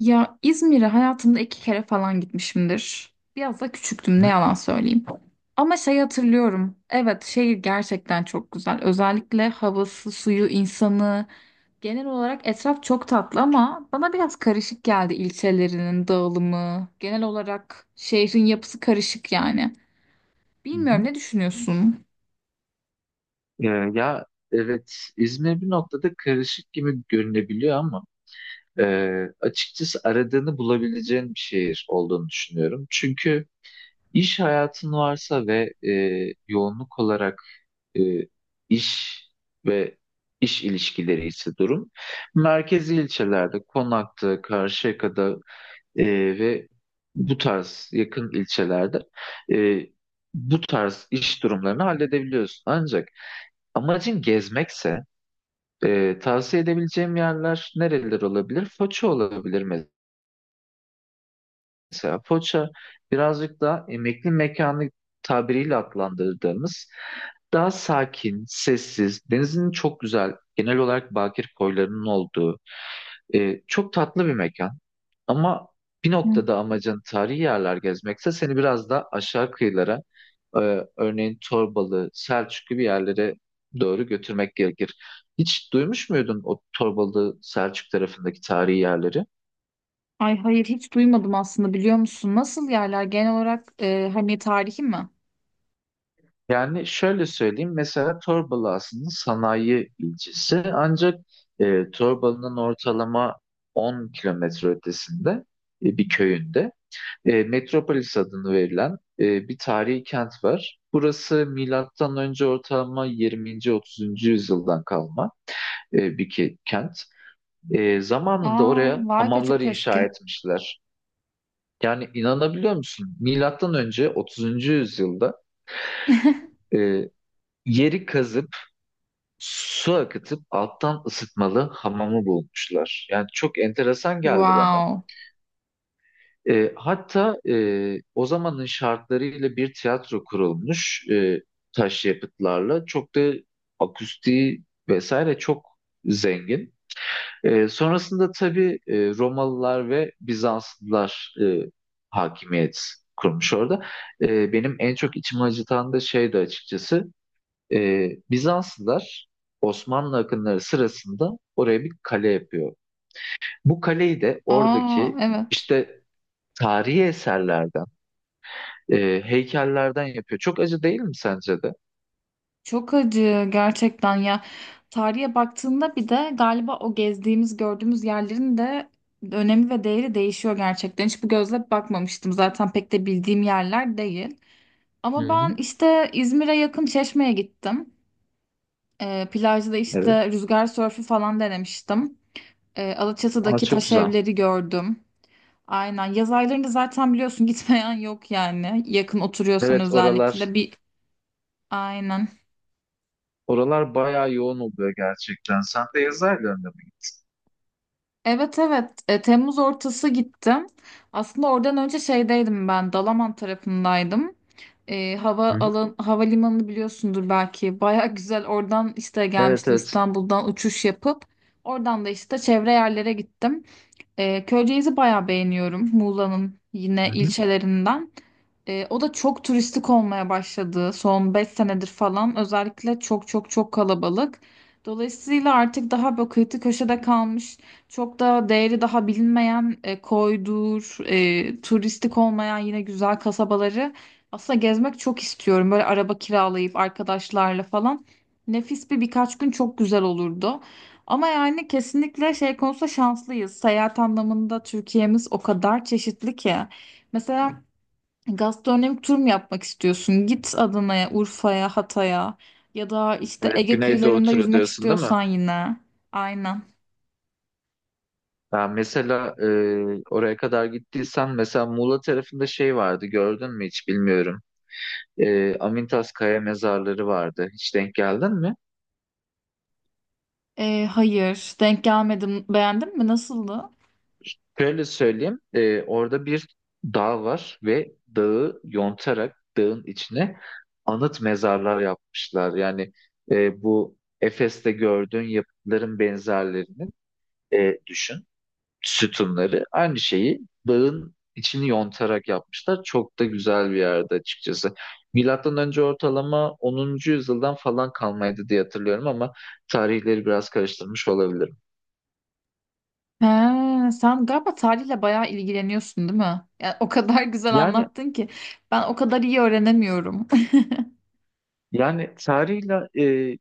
Ya İzmir'e hayatımda 2 kere falan gitmişimdir. Biraz da küçüktüm, ne Hı yalan söyleyeyim. Ama şey hatırlıyorum. Evet, şehir gerçekten çok güzel. Özellikle havası, suyu, insanı. Genel olarak etraf çok tatlı, ama bana biraz karışık geldi ilçelerinin dağılımı. Genel olarak şehrin yapısı karışık yani. hı. Bilmiyorum, hı. ne düşünüyorsun? Ee, ya evet İzmir bir noktada karışık gibi görünebiliyor ama e, açıkçası aradığını bulabileceğin bir şehir olduğunu düşünüyorum. Çünkü iş hayatın varsa ve yoğunluk olarak e, iş ve iş ilişkileri ise durum merkezi ilçelerde Konak'ta, Karşıyaka'da, e, ve bu tarz yakın ilçelerde e, bu tarz iş durumlarını halledebiliyorsun. Ancak amacın gezmekse, tavsiye edebileceğim yerler nereler olabilir? Foça olabilir. Mesela Foça birazcık daha emekli mekanı tabiriyle adlandırdığımız, daha sakin, sessiz, denizin çok güzel, genel olarak bakir koylarının olduğu çok tatlı bir mekan. Ama bir Hı. noktada amacın tarihi yerler gezmekse seni biraz da aşağı kıyılara, e, örneğin Torbalı, Selçuk gibi yerlere doğru götürmek gerekir. Hiç duymuş muydun o Torbalı, Selçuk tarafındaki tarihi yerleri? Ay, hayır, hiç duymadım aslında, biliyor musun? Nasıl yerler genel olarak, hani tarihi mi? Yani şöyle söyleyeyim, mesela Torbalı aslında sanayi ilçesi, ancak Torbalı'nın ortalama 10 kilometre ötesinde, bir köyünde, Metropolis adını verilen bir tarihi kent var. Burası milattan önce ortalama 20. 30. yüzyıldan kalma bir kent. Zamanında Aa, oraya vay be, hamamlar çok eski. inşa etmişler. Yani inanabiliyor musun? Milattan önce 30. yüzyılda e, yeri kazıp su akıtıp alttan ısıtmalı hamamı bulmuşlar. Yani çok enteresan geldi bana. Wow. Hatta o zamanın şartlarıyla bir tiyatro kurulmuş, taş yapıtlarla. Çok da akustiği vesaire çok zengin. Sonrasında tabii Romalılar ve Bizanslılar hakimiyet kurmuş orada. Benim en çok içimi acıtan da şeydi açıkçası. Bizanslılar Osmanlı akınları sırasında oraya bir kale yapıyor. Bu kaleyi de Aa, oradaki evet. işte tarihi eserlerden, heykellerden yapıyor. Çok acı değil mi sence de? Çok acı gerçekten ya. Tarihe baktığında, bir de galiba o gezdiğimiz, gördüğümüz yerlerin de önemi ve değeri değişiyor gerçekten. Hiç bu gözle bakmamıştım. Zaten pek de bildiğim yerler değil. Hı Ama ben hı. işte İzmir'e yakın Çeşme'ye gittim. Plajda Evet. işte rüzgar sörfü falan denemiştim. Aa, Alaçatı'daki çok taş güzel. evleri gördüm. Aynen. Yaz aylarında zaten biliyorsun, gitmeyen yok yani. Yakın oturuyorsan Evet, oralar, özellikle bir. Aynen. oralar bayağı yoğun oluyor gerçekten. Sen de yazarlarında mı gittin? Evet, evet. Temmuz ortası gittim. Aslında oradan önce şeydeydim, ben Dalaman tarafındaydım. E, hava Hı hı. alan havalimanını biliyorsundur belki. Baya güzel oradan işte Evet, gelmiştim, evet. İstanbul'dan uçuş yapıp oradan da işte çevre yerlere gittim. Köyceğiz'i bayağı beğeniyorum. Muğla'nın yine Hı hı. ilçelerinden. O da çok turistik olmaya başladı son 5 senedir falan. Özellikle çok çok çok kalabalık. Dolayısıyla artık daha böyle kıyı köşede kalmış, çok da değeri daha bilinmeyen, koydur, turistik olmayan yine güzel kasabaları aslında gezmek çok istiyorum. Böyle araba kiralayıp arkadaşlarla falan. Nefis bir birkaç gün çok güzel olurdu. Ama yani kesinlikle şey konusunda şanslıyız. Seyahat anlamında Türkiye'miz o kadar çeşitli ki. Mesela gastronomik tur mu yapmak istiyorsun? Git Adana'ya, Urfa'ya, Hatay'a, ya da işte Evet, Ege Güneydoğu kıyılarında turu yüzmek diyorsun değil mi? istiyorsan yine. Aynen. Ben mesela, oraya kadar gittiysen mesela Muğla tarafında şey vardı, gördün mü hiç bilmiyorum. Amintas Kaya mezarları vardı. Hiç denk geldin mi? Hayır, denk gelmedim. Beğendin mi? Nasıldı? Şöyle söyleyeyim. Orada bir dağ var ve dağı yontarak dağın içine anıt mezarlar yapmışlar. Yani, bu Efes'te gördüğün yapıtların benzerlerini düşün. Sütunları. Aynı şeyi dağın içini yontarak yapmışlar. Çok da güzel bir yerde açıkçası. Milattan önce ortalama onuncu yüzyıldan falan kalmaydı diye hatırlıyorum ama tarihleri biraz karıştırmış olabilirim. He, sen galiba tarihle bayağı ilgileniyorsun, değil mi? Yani o kadar güzel Yani anlattın ki, ben o kadar iyi öğrenemiyorum. yani tarihle, e,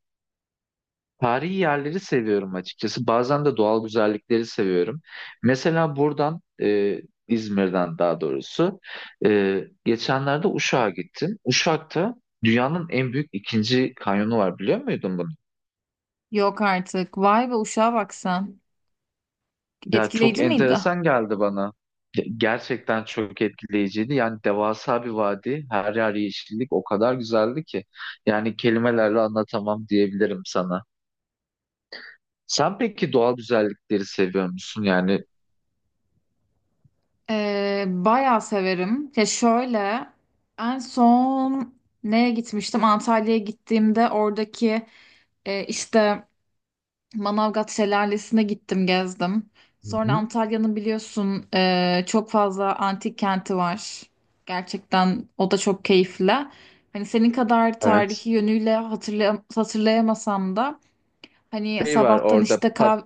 tarihi yerleri seviyorum açıkçası. Bazen de doğal güzellikleri seviyorum. Mesela buradan, İzmir'den daha doğrusu, geçenlerde Uşak'a gittim. Uşak'ta dünyanın en büyük ikinci kanyonu var, biliyor muydun bunu? Yok artık. Vay be, uşağa bak sen. Ya çok Etkileyici miydi? enteresan geldi bana. Gerçekten çok etkileyiciydi. Yani devasa bir vadi, her yer yeşillik, o kadar güzeldi ki. Yani kelimelerle anlatamam diyebilirim sana. Sen peki doğal güzellikleri seviyor musun? Yani. Bayağı severim. Ya şöyle, en son neye gitmiştim? Antalya'ya gittiğimde oradaki, işte Manavgat Şelalesi'ne gittim, gezdim. Hı Sonra hı. Antalya'nın biliyorsun, çok fazla antik kenti var. Gerçekten o da çok keyifli. Hani senin kadar Evet. tarihi yönüyle hatırlayamasam da, hani Şey var sabahtan orada. işte kahve...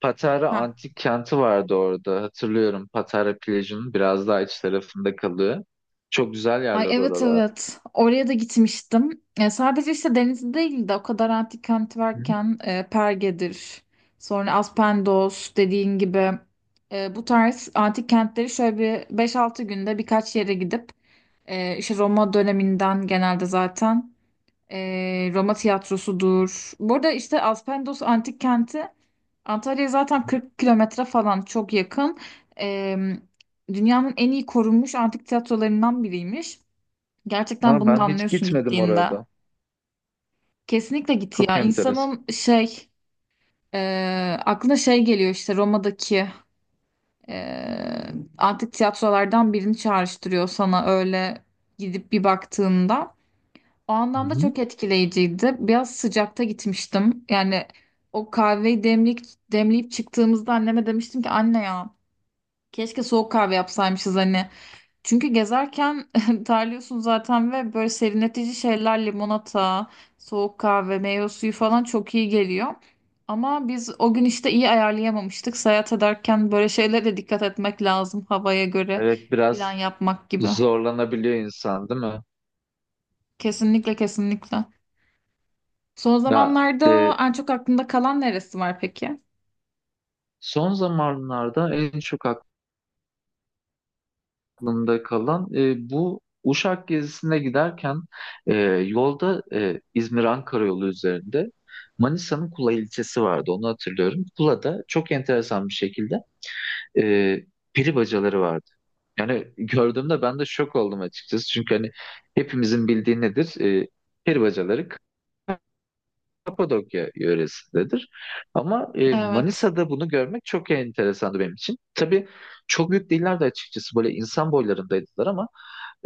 Patara Antik Kenti vardı orada. Hatırlıyorum, Patara plajının biraz daha iç tarafında kalıyor. Çok güzel Ay, yerler evet, oralar. evet. Oraya da gitmiştim. Sadece işte deniz değil de, o kadar antik kenti Hı hı. varken, Perge'dir. Sonra Aspendos dediğin gibi. Bu tarz antik kentleri şöyle bir 5-6 günde birkaç yere gidip, işte Roma döneminden genelde zaten, Roma tiyatrosudur. Burada işte Aspendos antik kenti Antalya'ya zaten 40 kilometre falan çok yakın. E, dünyanın en iyi korunmuş antik tiyatrolarından biriymiş. Gerçekten Ama bunu da ben hiç anlıyorsun gitmedim gittiğinde. orada. Kesinlikle git Çok ya. enteresan. İnsanın şey, e, aklına şey geliyor, işte Roma'daki, e, antik tiyatrolardan birini çağrıştırıyor sana, öyle gidip bir baktığında. O Hı anlamda hı. çok etkileyiciydi. Biraz sıcakta gitmiştim. Yani o kahveyi demlik, demleyip çıktığımızda anneme demiştim ki, anne ya, keşke soğuk kahve yapsaymışız hani. Çünkü gezerken terliyorsun zaten, ve böyle serinletici şeyler, limonata, soğuk kahve, meyve suyu falan çok iyi geliyor. Ama biz o gün işte iyi ayarlayamamıştık. Seyahat ederken böyle şeylere de dikkat etmek lazım, havaya göre Evet, plan biraz yapmak gibi. zorlanabiliyor insan değil mi? Kesinlikle, kesinlikle. Son Ya zamanlarda e, en çok aklında kalan neresi var peki? Son zamanlarda en çok aklımda kalan, bu Uşak gezisine giderken e, yolda, İzmir-Ankara yolu üzerinde Manisa'nın Kula ilçesi vardı, onu hatırlıyorum. Kula'da çok enteresan bir şekilde e, peri bacaları vardı. Yani gördüğümde ben de şok oldum açıkçası. Çünkü hani hepimizin bildiği nedir? Peri bacaları Kapadokya yöresindedir. Ama Evet. Manisa'da bunu görmek çok enteresandı benim için. Tabii çok büyük değillerdi açıkçası. Böyle insan boylarındaydılar ama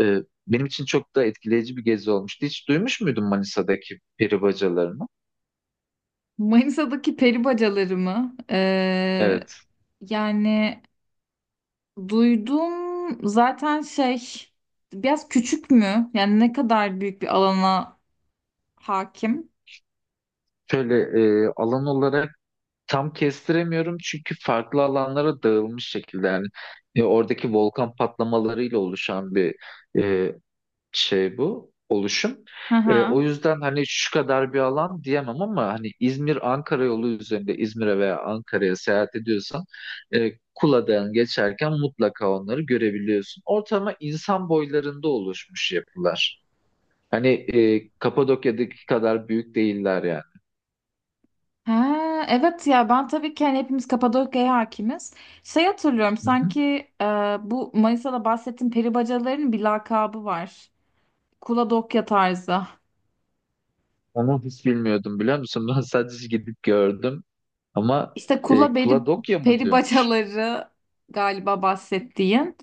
ee, benim için çok da etkileyici bir gezi olmuştu. Hiç duymuş muydun Manisa'daki peri bacalarını? Manisa'daki peri bacaları mı? Ee, Evet. yani duydum zaten, şey, biraz küçük mü? Yani ne kadar büyük bir alana hakim? Şöyle, alan olarak tam kestiremiyorum çünkü farklı alanlara dağılmış şekilde. Yani oradaki volkan patlamalarıyla oluşan bir e, şey bu oluşum. Hı hı. O yüzden hani şu kadar bir alan diyemem, ama hani İzmir-Ankara yolu üzerinde İzmir'e veya Ankara'ya seyahat ediyorsan Kula'dan geçerken mutlaka onları görebiliyorsun. Ortama insan boylarında oluşmuş yapılar. Hani Kapadokya'daki kadar büyük değiller yani. Ha, evet ya, ben tabii ki, hani hepimiz Kapadokya'ya hakimiz. Şey hatırlıyorum Hı hı. sanki, e, bu Manisa'da bahsettiğim peri bacalarının bir lakabı var. Kuladokya tarzı. Onu hiç bilmiyordum biliyor musun? Ben sadece gidip gördüm ama İşte kula peri, Kuladokya mı peri diyormuş? bacaları galiba bahsettiğin.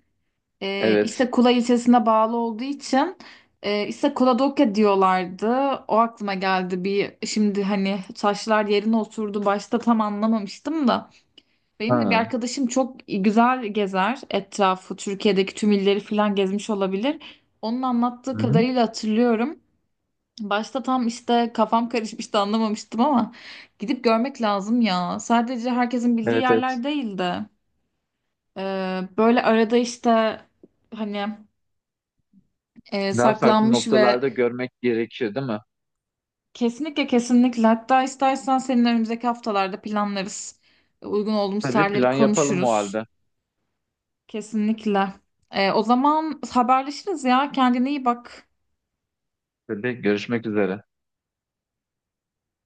E, işte Evet. Kula ilçesine bağlı olduğu için, işte Kapadokya diyorlardı. O aklıma geldi bir şimdi, hani taşlar yerine oturdu. Başta tam anlamamıştım da. Benim de bir Ha. arkadaşım çok güzel gezer etrafı. Türkiye'deki tüm illeri falan gezmiş olabilir. Onun anlattığı Hı hı. kadarıyla hatırlıyorum. Başta tam işte kafam karışmıştı, anlamamıştım, ama gidip görmek lazım ya. Sadece herkesin bildiği Evet, evet. yerler değil de, e, böyle arada işte, hani Daha farklı saklanmış ve noktalarda görmek gerekiyor, değil mi? kesinlikle, kesinlikle, hatta istersen senin önümüzdeki haftalarda planlarız. Uygun olduğumuz Tabii, tarihleri plan yapalım o konuşuruz. halde. Kesinlikle. O zaman haberleşiriz ya. Kendine iyi bak. Tabii, görüşmek üzere.